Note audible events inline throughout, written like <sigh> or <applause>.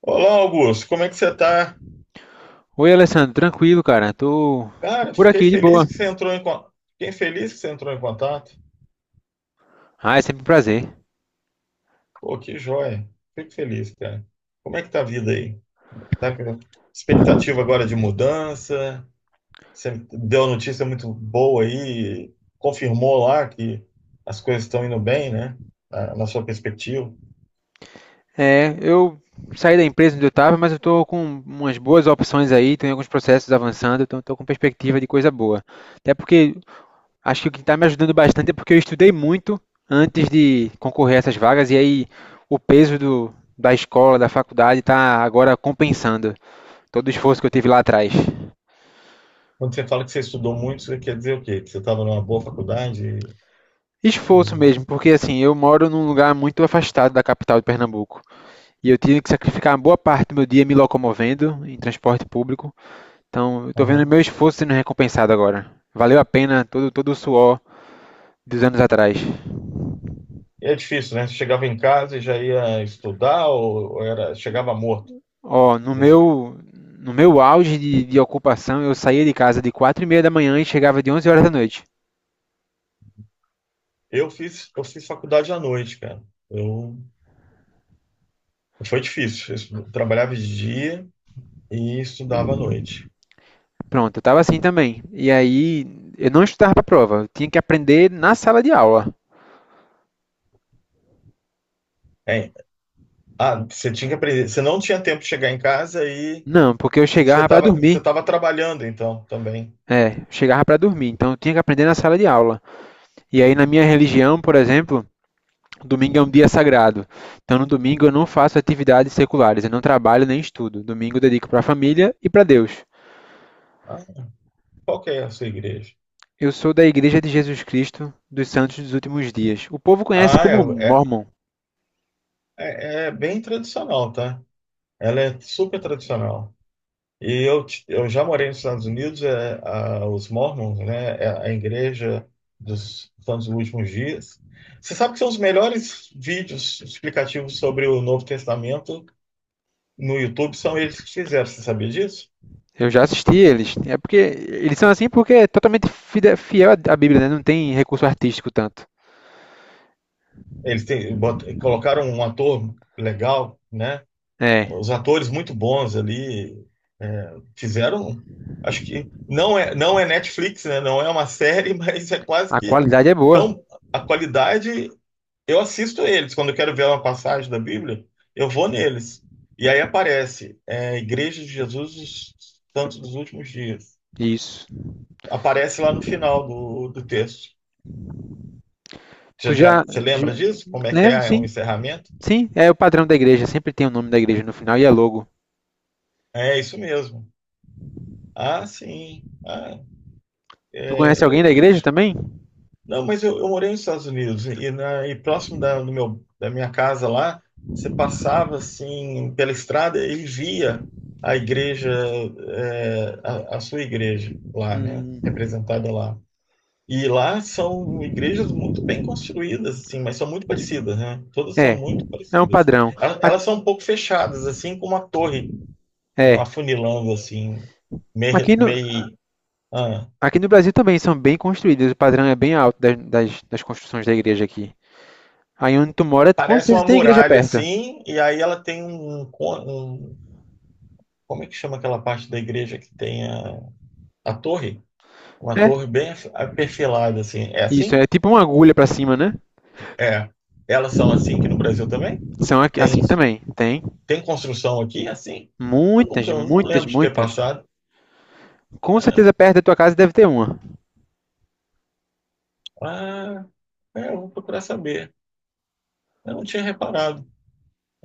Olá, Augusto, como é que você tá? Oi, Alessandro, tranquilo, cara. Tô Cara, por fiquei aqui de feliz boa. que você entrou em contato. Fiquei feliz que você entrou em contato. Ah, é sempre um prazer. Pô, que joia. Fico feliz, cara. Como é que tá a vida aí? Tá com expectativa agora de mudança? Você deu uma notícia muito boa aí, confirmou lá que as coisas estão indo bem, né? Na sua perspectiva. É, eu saí da empresa onde eu tava, mas eu tô com umas boas opções aí, tenho alguns processos avançando, então tô com perspectiva de coisa boa. Até porque acho que o que tá me ajudando bastante é porque eu estudei muito antes de concorrer a essas vagas e aí o peso da escola, da faculdade tá agora compensando todo o esforço que eu tive lá atrás. Quando você fala que você estudou muito, você quer dizer o quê? Que você estava numa boa faculdade? Esforço e- mesmo, porque assim, eu moro num lugar muito afastado da capital de Pernambuco. E eu tive que sacrificar uma boa parte do meu dia me locomovendo em transporte público. Então, eu estou vendo Aham. meu esforço sendo recompensado agora. Valeu a pena todo o suor dos anos atrás. E é difícil, né? Você chegava em casa e já ia estudar ou era chegava morto? Ó, no Desse- meu no meu auge de ocupação, eu saía de casa de 4:30 da manhã e chegava de 23h. Eu fiz faculdade à noite, cara. Eu, foi difícil. Trabalhava de dia e estudava à noite. Pronto, eu tava assim também. E aí, eu não estudava pra prova, eu tinha que aprender na sala de aula. É, você tinha que aprender. Você não tinha tempo de chegar em casa e Não, porque eu chegava para você dormir. tava trabalhando então também. É, eu chegava para dormir, então eu tinha que aprender na sala de aula. E aí, na minha religião, por exemplo, domingo é um dia sagrado. Então, no domingo eu não faço atividades seculares, eu não trabalho nem estudo. Domingo eu dedico para a família e para Deus. Ah, qual que é a sua igreja? Eu sou da Igreja de Jesus Cristo dos Santos dos Últimos Dias. O povo conhece Ah, é, como é, Mormon. é é bem tradicional, tá? Ela é super tradicional. E eu já morei nos Estados Unidos, os Mormons, né, é a igreja dos Santos dos Últimos Dias. Você sabe que são os melhores vídeos explicativos sobre o Novo Testamento no YouTube, são eles que fizeram, você sabia disso? Eu já assisti eles. É porque eles são assim porque é totalmente fiel à Bíblia, né? Não tem recurso artístico tanto. Eles têm, colocaram um ator legal, né, É, os atores muito bons ali, fizeram, acho que não é, não é Netflix, né, não é uma série, <laughs> mas é quase a que qualidade é boa. tão, a qualidade. Eu assisto eles. Quando eu quero ver uma passagem da Bíblia, eu vou neles. E aí aparece Igreja de Jesus dos Santos dos Últimos Dias. Isso. Aparece lá no final do texto. Tu Já, já, já você lembra de- disso? Como é que lembra? é o Sim. encerramento? Sim, é o padrão da igreja, sempre tem o nome da igreja no final e é logo. É isso mesmo. Ah, sim. Ah, Tu conhece alguém da é, eu. igreja também? Não, mas eu morei nos Estados Unidos e, e próximo da minha casa lá, você passava assim pela estrada e via a igreja, a sua igreja lá, né? Hum. Representada lá. E lá são igrejas muito bem construídas, assim, mas são muito parecidas, né? Todas são É, muito é um parecidas. padrão. Elas, Aqui, elas são um pouco fechadas, assim, com uma torre, um é, afunilando, assim, meio, aqui no, meio, aqui no Brasil também são bem construídas, o padrão é bem alto das construções da igreja aqui. Aí onde tu mora, com parece certeza uma tem igreja muralha perto. assim, e aí ela tem um, como é que chama aquela parte da igreja que tem a torre? Uma É, torre perfilada assim. É isso, é assim? tipo uma agulha pra cima, né? É. Elas são assim aqui no Brasil também? São Tem assim também, tem. tem construção aqui é assim? Eu Muitas, nunca, eu não muitas, lembro de ter muitas. passado. Com Ah, certeza perto da tua casa deve ter uma. ah, é, eu vou procurar saber. Eu não tinha reparado.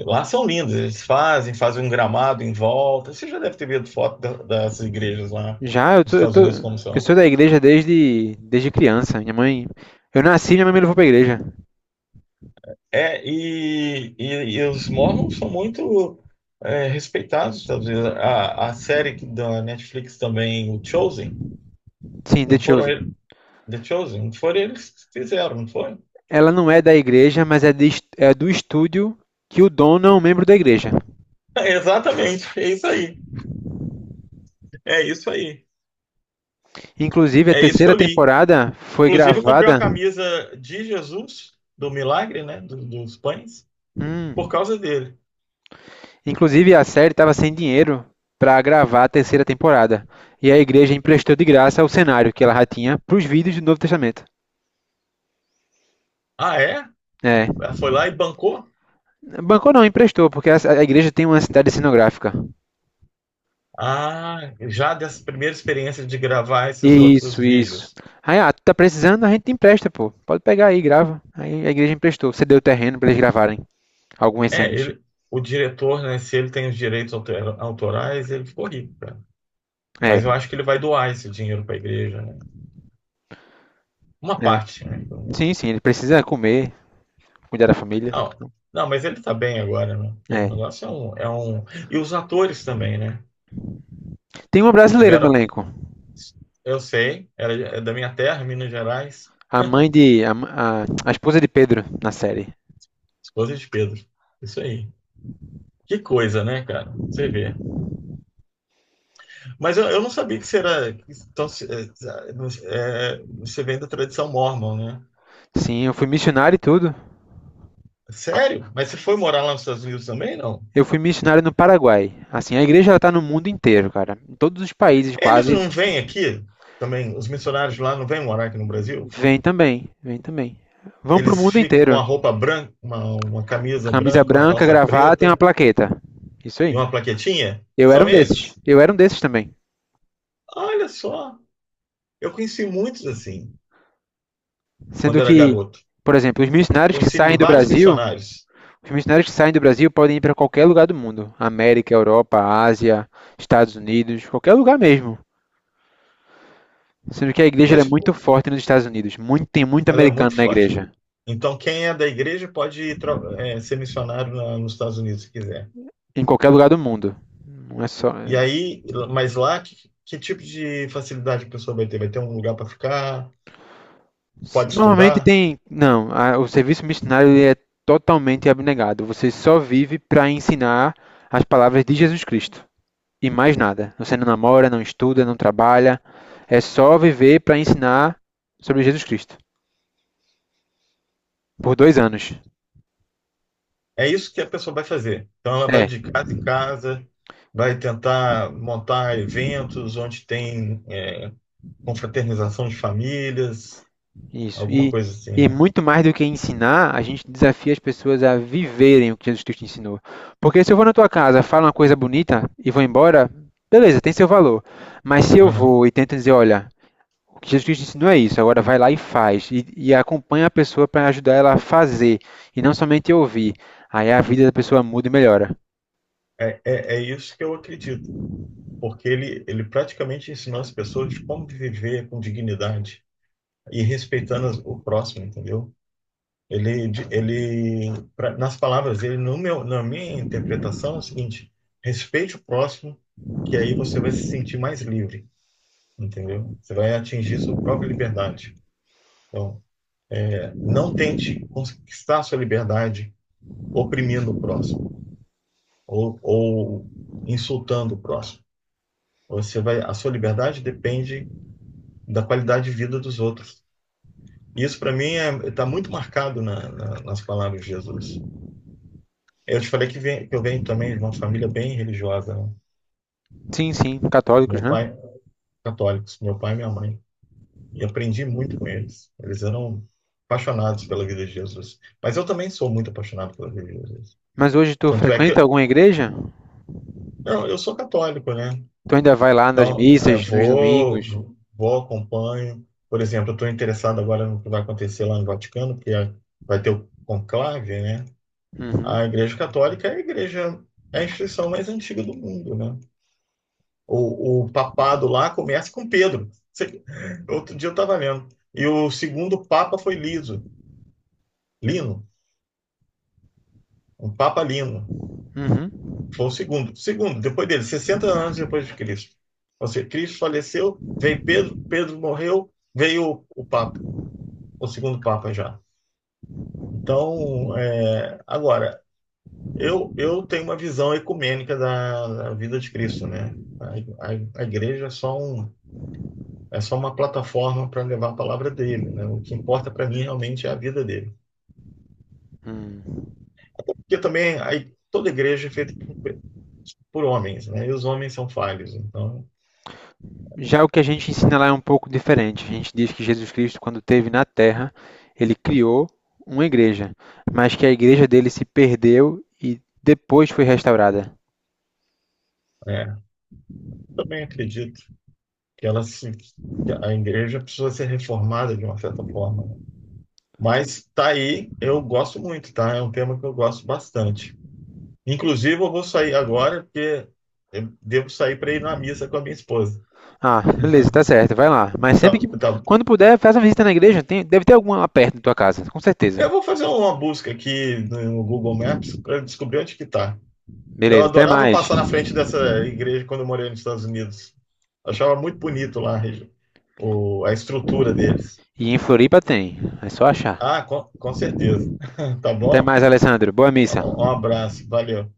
Lá são lindos, eles fazem, fazem um gramado em volta. Você já deve ter visto foto das igrejas lá Já, nos Estados Unidos como eu são. sou da igreja desde criança. Minha mãe. Eu nasci e minha mãe me levou pra igreja. É, e, e, e os Mormons são muito respeitados nos Estados Unidos. A série da Netflix também, o Chosen, Sim, The não foram Chosen. eles, The Chosen, não foram eles que fizeram, não foi? <laughs> Ela não é da igreja, mas é do estúdio que o dono é um membro da igreja. Exatamente, é isso aí, Inclusive, a é isso que eu terceira li. temporada foi Inclusive, eu comprei uma gravada. camisa de Jesus, do milagre, né, dos pães, por Hum, causa dele. inclusive, a série estava sem dinheiro para gravar a terceira temporada. E a igreja emprestou de graça o cenário que ela já tinha para os vídeos do Novo Testamento. Ah, é? É. Ela foi lá e bancou? Bancou não, emprestou, porque a igreja tem uma cidade cenográfica. Ah, já dessa primeira experiência de gravar esses outros Isso, isso. vídeos. Aí, ah, tu tá precisando, a gente empresta, pô. Pode pegar aí, grava. Aí a igreja emprestou, cedeu o terreno para eles gravarem algumas É, cenas. ele, o diretor, né, se ele tem os autorais, ele ficou rico, cara. Mas eu É. acho que ele vai doar esse dinheiro para a igreja, né? Uma É. parte, né, pelo Sim, menos. sim, ele precisa comer, cuidar da família. Não, não, mas ele tá bem agora, né? Porque o É. negócio é um... E os atores também, né? Tem uma brasileira no Tiveram... elenco. Eu sei, era é da minha terra, Minas Gerais, A mãe de. A esposa de Pedro na série. esposa de Pedro. Isso aí. Que coisa, né, cara? Você vê. Mas eu não sabia que você era... Então, é, você vem da tradição mórmon, né? Sim, eu fui missionário e tudo. Sério? Mas você foi morar lá nos Estados Unidos também, não? Eu fui missionário no Paraguai. Assim, a igreja ela tá no mundo inteiro, cara. Em todos os países Eles quase. não vêm aqui também, os missionários lá não vêm morar aqui no Brasil? Vem também. Vem também. Vão pro Eles mundo ficam com a inteiro. roupa branca, uma camisa Camisa branca, uma branca, calça gravata e uma preta plaqueta. Isso e aí. uma plaquetinha? Eu era São um desses. eles? Eu era um desses também. Olha só, eu conheci muitos assim, quando Sendo era que, garoto. por exemplo, Conheci vários missionários, Os missionários que saem do Brasil podem ir para qualquer lugar do mundo, América, Europa, Ásia, Estados Unidos, qualquer lugar mesmo. Sendo que a igreja ela é mas muito tipo, forte nos Estados Unidos, tem muito ela é americano muito na forte. igreja, Então, quem é da igreja pode ir ser missionário nos Estados Unidos se quiser. em qualquer lugar do mundo. Não é só. E aí, mas lá, que tipo de facilidade a pessoa vai ter? Vai ter um lugar para ficar? Pode Normalmente estudar? tem. Não, a- o serviço missionário ele é totalmente abnegado. Você só vive para ensinar as palavras de Jesus Cristo e mais nada. Você não namora, não estuda, não trabalha. É só viver para ensinar sobre Jesus Cristo por 2 anos. É isso que a pessoa vai fazer. Então, ela vai É, de casa em casa, vai tentar montar eventos onde tem confraternização de famílias, isso. alguma E, coisa assim, e né? muito mais do que ensinar, a gente desafia as pessoas a viverem o que Jesus Cristo ensinou. Porque se eu vou na tua casa, falo uma coisa bonita e vou embora, beleza, tem seu valor. Mas se eu Aham. vou e tento dizer, olha, o que Jesus Cristo ensinou é isso, agora vai lá e faz. E acompanha a pessoa para ajudar ela a fazer e não somente ouvir. Aí a vida da pessoa muda e melhora. É isso que eu acredito, porque ele praticamente ensinou as pessoas como viver com dignidade e respeitando o próximo, entendeu? Ele, de- ele pra- nas palavras dele, no meu, na minha interpretação, é o seguinte: respeite o próximo, que aí você vai se sentir mais livre, entendeu? Você vai atingir sua própria liberdade. Então, não tente conquistar sua liberdade oprimindo o próximo ou insultando o próximo. Você vai, a sua liberdade depende da qualidade de vida dos outros. Isso, para mim, está muito marcado nas palavras de Jesus. Eu te falei que eu venho também de uma família bem religiosa, né? Sim, sim, católicos, Meu né? pai, católicos, meu pai e minha mãe. E aprendi muito com eles. Eles eram apaixonados pela vida de Jesus. Mas eu também sou muito apaixonado pela vida de Jesus. Mas hoje tu Tanto é que frequenta alguma igreja? Eu sou católico, né? Tu ainda vai lá nas Então, missas, nos domingos? Vou, acompanho. Por exemplo, eu estou interessado agora no que vai acontecer lá no Vaticano, porque vai ter o conclave, né? Uhum, A Igreja Católica é a igreja, é a instituição mais antiga do mundo, né? O papado lá começa com Pedro. <laughs> Outro dia eu estava lendo. E o segundo papa foi Liso, Lino, um papa Lino. uhum, Foi o segundo. Segundo, depois dele, 60 anos depois de Cristo. Ou seja, Cristo faleceu, veio Pedro, Pedro morreu, veio o papa, o segundo papa já. Então, é, agora, eu tenho uma visão ecumênica da vida de Cristo, né? A igreja é só um. É só uma plataforma para levar a palavra dele, né? O que importa para mim realmente é a vida dele. hum. Até porque também aí, toda igreja é feita por, por homens, né? E os homens são falhos. Então, Já o que a gente ensina lá é um pouco diferente. A gente diz que Jesus Cristo, quando esteve na Terra, ele criou uma igreja, mas que a igreja dele se perdeu e depois foi restaurada. é, também acredito que ela se, que a igreja precisa ser reformada de uma certa forma, né? Mas tá aí, eu gosto muito, tá? É um tema que eu gosto bastante. Inclusive, eu vou sair agora porque eu devo sair para ir na missa com a minha esposa. Ah, beleza, tá <laughs> certo, vai lá. Mas sempre que, tá. quando puder, faz uma visita na igreja. Tem, deve ter alguma lá perto da tua casa, com certeza. Eu vou fazer uma busca aqui no Google Maps para descobrir onde que tá. Eu Beleza, até adorava mais. passar na frente dessa igreja quando eu morei nos Estados Unidos. Achava muito bonito lá a estrutura deles. E em Floripa tem, é só achar. Ah, com certeza. <laughs> Tá Até bom? mais, Alessandro. Boa missa. Um abraço. Valeu.